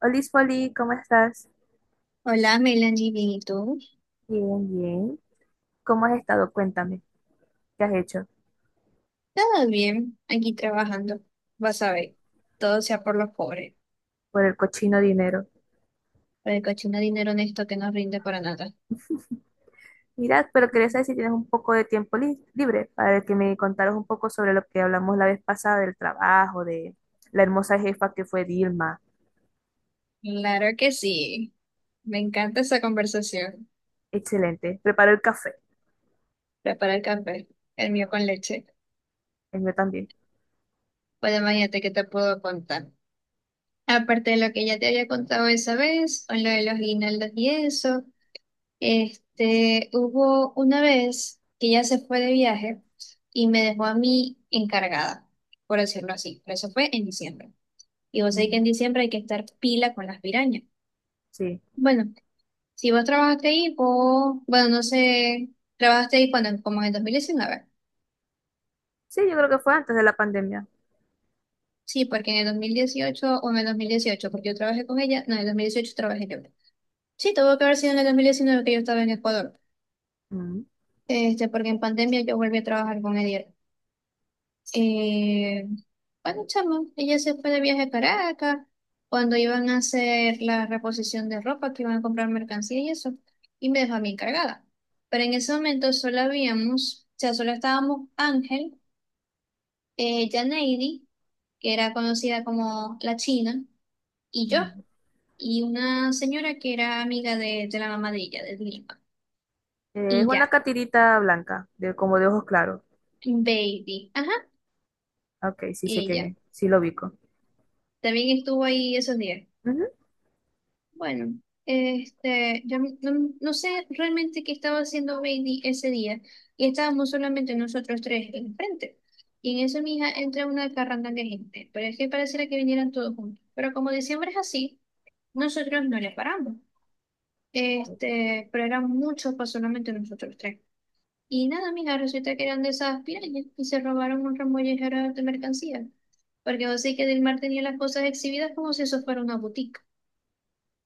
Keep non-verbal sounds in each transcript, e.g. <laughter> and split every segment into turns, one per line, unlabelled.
Olis Foli, ¿cómo estás?
Hola, Melanie, bien, ¿y tú?
Bien, bien. ¿Cómo has estado? Cuéntame, ¿qué has hecho
Todo bien, aquí trabajando. Vas a ver, todo sea por los pobres,
por el cochino dinero?
por el cochino dinero honesto que no rinde para nada.
Mirad, pero quería saber si tienes un poco de tiempo libre para que me contaras un poco sobre lo que hablamos la vez pasada del trabajo, de la hermosa jefa que fue Dilma.
Claro que sí, me encanta esa conversación.
Excelente. Preparó el café,
Prepara el café, el mío con leche.
el mío también.
Pues imagínate que te puedo contar. Aparte de lo que ya te había contado esa vez, o lo de los guinaldos y eso, hubo una vez que ella se fue de viaje y me dejó a mí encargada, por decirlo así, pero eso fue en diciembre. Y vos sabés que en
Ujú.
diciembre hay que estar pila con las pirañas.
Sí,
Bueno, si vos trabajaste ahí, vos, bueno, no sé, trabajaste ahí cuando, como en el 2019.
sí, yo creo que fue antes de la pandemia.
Sí, porque en el 2018 o en el 2018, porque yo trabajé con ella, no, en el 2018 trabajé yo. Sí, tuvo que haber sido en el 2019 que yo estaba en Ecuador,
Ujú,
porque en pandemia yo volví a trabajar con ella. Eh, bueno, chama, ella se fue de viaje a Caracas cuando iban a hacer la reposición de ropa, que iban a comprar mercancía y eso, y me dejó a mí encargada. Pero en ese momento solo habíamos, o sea, solo estábamos Ángel, Janeidi, que era conocida como la China, y yo,
ujú.
y una señora que era amiga de la mamá de ella, de Lima.
Es
Y
una
ya,
catirita blanca, de, como de ojos claros.
Baby, ajá,
Ok, sí sé quién
ella.
es, sí lo ubico.
También estuvo ahí esos días.
Ujú,
Bueno, yo no, no sé realmente qué estaba haciendo Bailey ese día y estábamos solamente nosotros tres en frente. Y en eso, mija, entra una carranda de gente, pero es que pareciera que vinieran todos juntos. Pero como diciembre es así, nosotros no les paramos. Pero eran muchos para solamente nosotros tres. Y nada, mija, resulta que eran de esas pirañas y se robaron un remollejero de mercancía. Porque vos sé que Delmar tenía las cosas exhibidas como si eso fuera una boutique.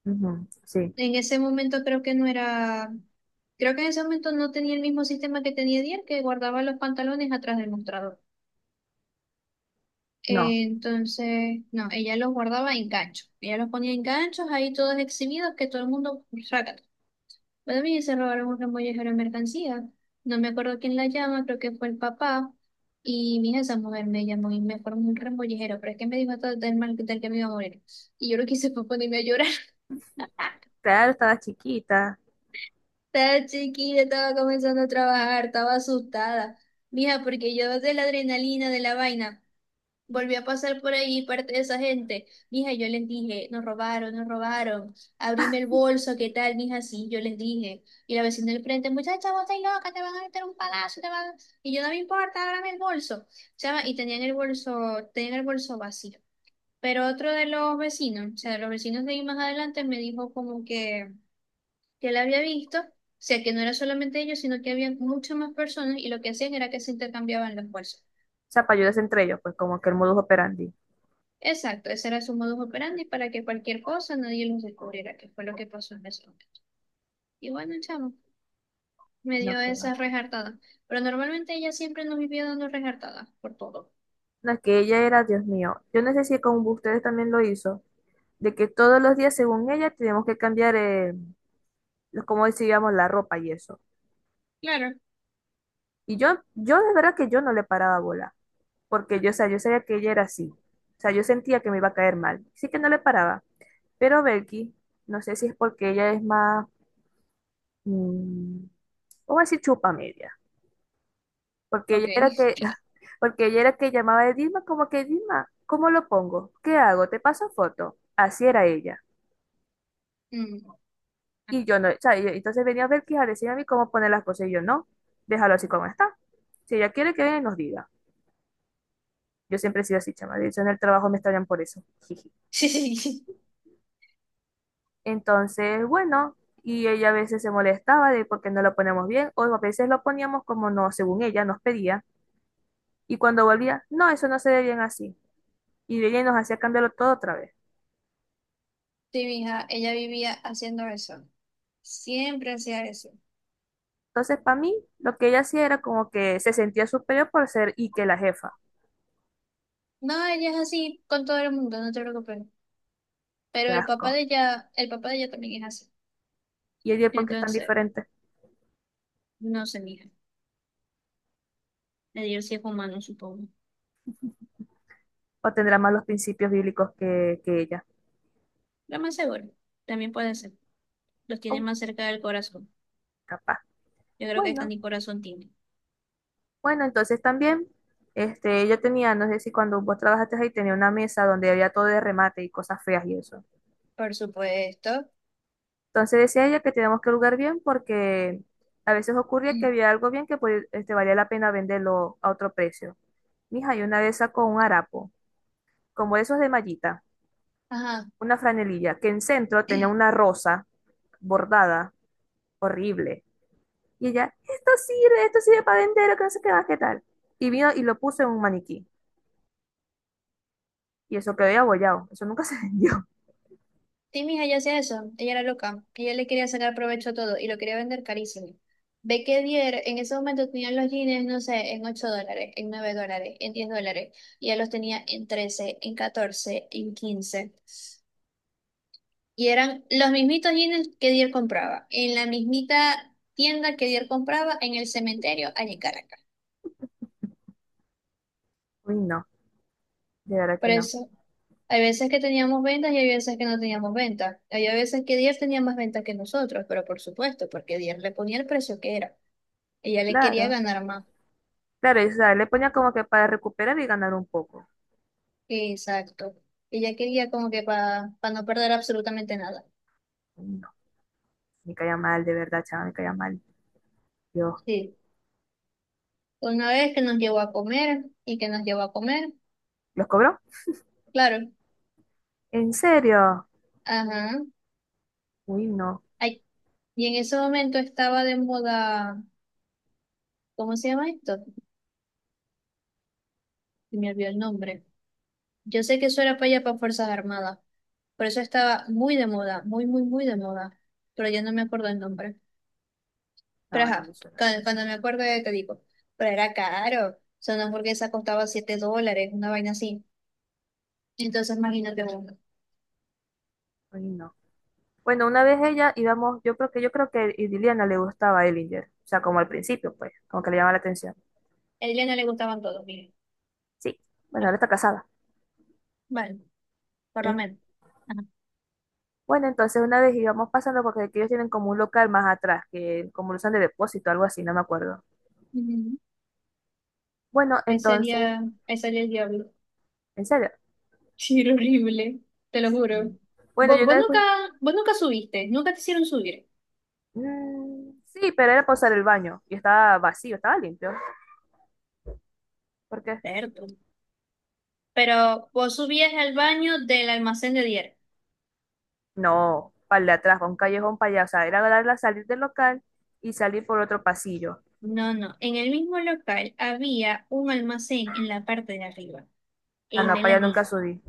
ujú, sí,
En ese momento creo que no era, creo que en ese momento no tenía el mismo sistema que tenía Dier, que guardaba los pantalones atrás del mostrador.
no.
Entonces, no, ella los guardaba en ganchos. Ella los ponía en ganchos ahí todos exhibidos, que todo el mundo saca. También se robaron un remollejero de mercancía. No me acuerdo quién la llama, creo que fue el papá. Y mi hija, esa mujer me llamó y me formó un remollejero, pero es que me dijo hasta del mal del que me iba a morir. Y yo lo que hice fue <laughs> ponerme a llorar.
Claro, estaba chiquita.
Estaba chiquita, estaba comenzando a trabajar, estaba asustada. Mija, porque yo de la adrenalina, de la vaina, volví a pasar por ahí parte de esa gente. Mija, yo les dije, nos robaron, nos robaron. Abrime el bolso, ¿qué tal, mija? Sí, yo les dije. Y la vecina del frente, muchacha, vos estás loca, te van a meter un palazo, te van a-". Y yo, no me importa, ábrame el bolso. Chama, y tenían el bolso vacío. Pero otro de los vecinos, o sea, de los vecinos de ahí más adelante, me dijo como que la había visto, o sea, que no era solamente ellos, sino que había muchas más personas y lo que hacían era que se intercambiaban las fuerzas.
O sea, para ayudarse entre ellos, pues como que el modus operandi.
Exacto, ese era su modus operandi para que cualquier cosa nadie los descubriera, que fue lo que pasó en ese momento. Y bueno, chamo, me
No,
dio
que va.
esas rejartadas, pero normalmente ella siempre nos vivía dando rejartadas por todo.
No, es que ella era, Dios mío. Yo no sé si con ustedes también lo hizo, de que todos los días, según ella, teníamos que cambiar, como decíamos, la ropa y eso.
Claro,
Y yo de verdad que yo no le paraba bola, porque yo, o sea, yo sabía que ella era así. O sea, yo sentía que me iba a caer mal. Sí que no le paraba. Pero Belki, no sé si es porque ella es más, mm, vamos a decir, chupa. Porque ella
ok.
era que, <laughs> porque ella era que llamaba a Dima como que Dima, ¿cómo lo pongo? ¿Qué hago? ¿Te paso foto? Así era ella.
Mm.
Y yo
<laughs>
no, o sea, entonces venía a ver que a decirme a mí cómo poner las cosas y yo no, déjalo así como está. Si ella quiere que venga y nos diga. Yo siempre he sido así, chama. De hecho, en el trabajo me extrañan por eso. <laughs> Jiji.
Sí, sí, sí.
Entonces, bueno, y ella a veces se molestaba de por qué no lo ponemos bien, o a veces lo poníamos como no, según ella nos pedía. Y cuando volvía, no, eso no se ve bien así. Y ella nos hacía cambiarlo todo otra vez.
Sí, mija, ella vivía haciendo eso. Siempre hacía eso.
Entonces, para mí, lo que ella hacía era como que se sentía superior por ser Ike la jefa.
No, ella es así con todo el mundo, no te preocupes. Pero
Qué
el papá
asco.
de ella, el papá de ella también es así.
¿Y ella por qué es tan
Entonces,
diferente?
no se mija. El dios sí es humano, supongo.
¿O tendrá más los principios bíblicos que ella?
Lo más seguro. También puede ser. Los tiene
Oh,
más cerca del corazón.
capaz.
Yo creo que esta
Bueno,
ni corazón tiene.
bueno, entonces también, este, ella tenía, no sé si cuando vos trabajaste ahí, tenía una mesa donde había todo de remate y cosas feas y eso.
Por supuesto.
Entonces decía ella que teníamos que lugar bien porque a veces ocurría que
<clears throat>
había algo bien que pues, este, valía la pena venderlo a otro precio. Mija, y una de esas con un harapo, como esos de mallita.
Ajá.
Una franelilla que en centro tenía una rosa bordada, horrible. Y ella, esto sirve para vender, que no sé qué más, qué tal. Y vino y lo puso en un maniquí. Y eso quedó ahí abollado. Eso nunca <laughs> se vendió.
Sí, mija, ella hacía eso. Ella era loca. Ella le quería sacar provecho a todo y lo quería vender carísimo. Ve que Dier en ese momento tenían los jeans, no sé, en $8, en $9, en $10. Y ella los tenía en 13, en 14, en 15. Y eran los mismitos jeans que Dier compraba, en la mismita tienda que Dier compraba en el cementerio allá en Caracas.
Uy, no, de verdad
Por
que no.
eso, hay veces que teníamos ventas y hay veces que no teníamos ventas. Había veces que Dier tenía más ventas que nosotros, pero por supuesto, porque Dier le ponía el precio que era. Ella le quería
Claro.
ganar más.
Claro, y, o sea, le ponía como que para recuperar y ganar un poco.
Exacto. Ella quería como que para no perder absolutamente nada.
Uy, no, me caía mal, de verdad, chaval, me caía mal. Dios,
Sí. Una vez que nos llevó a comer y que nos llevó a comer,
¿los cobró?
claro.
¿En serio?
Ajá.
Uy, no.
Ay, y en ese momento estaba de moda. ¿Cómo se llama esto? Se me olvidó el nombre. Yo sé que eso era para allá para Fuerzas Armadas, por eso estaba muy de moda, muy, muy, muy de moda, pero yo no me acuerdo el nombre. Pero
No, no me
ajá,
suena.
cuando, cuando me acuerdo te digo, pero era caro, o sea, una hamburguesa costaba $7, una vaina así. Entonces imagínate uno.
Uy, no. Bueno, una vez ella íbamos, yo creo que a Liliana le gustaba a Ellinger, o sea, como al principio, pues, como que le llamaba la atención.
A ella no le gustaban todos, miren.
Sí, bueno,
Ajá.
ahora está casada.
Bueno, por lo
Eh,
menos. Ajá.
Bueno, entonces una vez íbamos pasando porque aquí ellos tienen como un local más atrás, que como lo usan de depósito, algo así, no me acuerdo.
Ujú.
Bueno, entonces,
Ese día el diablo. <laughs>
en serio.
Sí, era horrible, te lo
Mm.
juro.
Bueno,
Vos,
yo
vos
una vez
nunca,
fui-
vos nunca subiste, nunca te hicieron subir.
Mm, sí, pero era para usar el baño y estaba vacío, estaba limpio. ¿Por qué?
Cierto. Pero vos subías al baño del almacén de Dier.
No, para el de atrás, para un callejón para allá, o sea, era darla salir del local y salir por otro pasillo.
No, no. En el mismo local había un almacén en la parte de arriba.
Ah,
Ey,
no, para allá nunca
Melanie.
subí.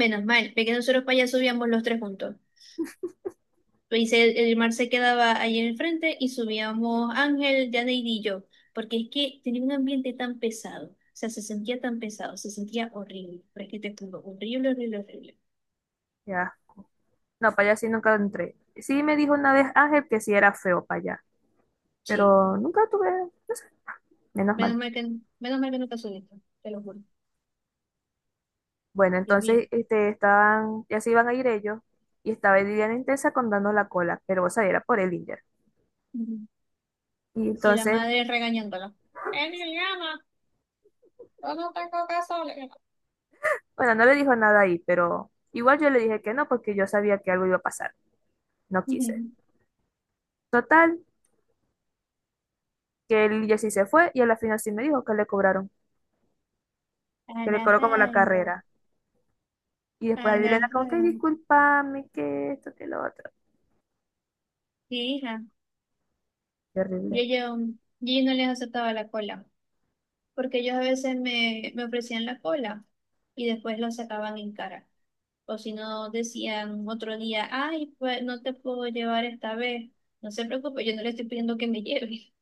Menos mal, porque nosotros para allá subíamos los tres juntos. Pues el mar se quedaba ahí en el frente y subíamos Ángel, Janeid y yo. Porque es que tenía un ambiente tan pesado. O sea, se sentía tan pesado, se sentía horrible. Pero es que te juro, horrible, horrible, horrible.
Ya. No, para allá sí nunca entré. Sí me dijo una vez Ángel que sí era feo para allá,
Sí.
pero nunca tuve, no sé, menos
Menos
mal.
mal que, menos mal que no pasó esto, te lo juro.
Bueno,
Dios mío.
entonces este, estaban, ya se iban a ir ellos y estaba Liliana intensa contando la cola, pero vos sabés, era por el Inder.
Ujú.
Y
Y la
entonces,
madre regañándola. Eh,
bueno, no le dijo nada ahí, pero igual yo le dije que no porque yo sabía que algo iba a pasar. No quise.
Ujú.
Total, que el Inder sí se fue y a la final sí me dijo que le cobraron,
A
que le
la
cobró como la
radio,
carrera. Y después a Liliana como que
a.
discúlpame, que esto, que lo otro.
Sí, hija, yo,
Terrible.
yo, yo no les aceptaba la cola, porque ellos a veces me, me ofrecían la cola y después lo sacaban en cara. O si no, decían otro día, ay, pues no te puedo llevar esta vez, no se preocupe, yo no le estoy pidiendo que me lleve.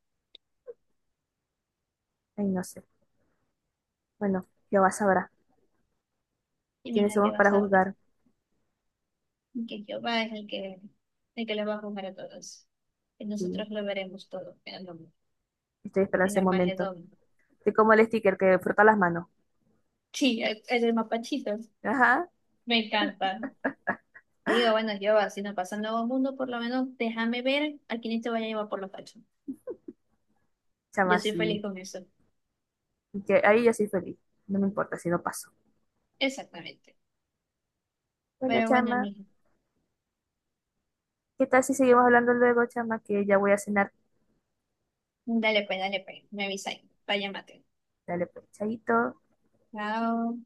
Ay, no sé. Bueno, Jehová sabrá
Y
quiénes
mira, ¿qué
somos para
vas a ver?
juzgar.
Que Jehová es el que, les va a juzgar a todos. Y
Sí,
nosotros lo veremos todo en,
estoy esperando
en
ese momento.
Armagedón.
Estoy como el sticker que frota las manos.
Sí, es el mapachito.
Ajá,
Me encanta. Y digo, bueno, Jehová, si nos pasa el nuevo mundo, por lo menos déjame ver a quién te vaya a llevar por los cachos. Yo
chama,
soy feliz
sí.
con eso.
Y que ahí yo soy feliz. No me importa si no paso.
Exactamente.
Bueno,
Pero bueno,
chama,
mijo.
¿qué tal si seguimos hablando luego, chama? Que ya voy a cenar.
Dale pues, dale pues. Me avisáis. Vaya mate.
Dale, pues, chaito.
Chao.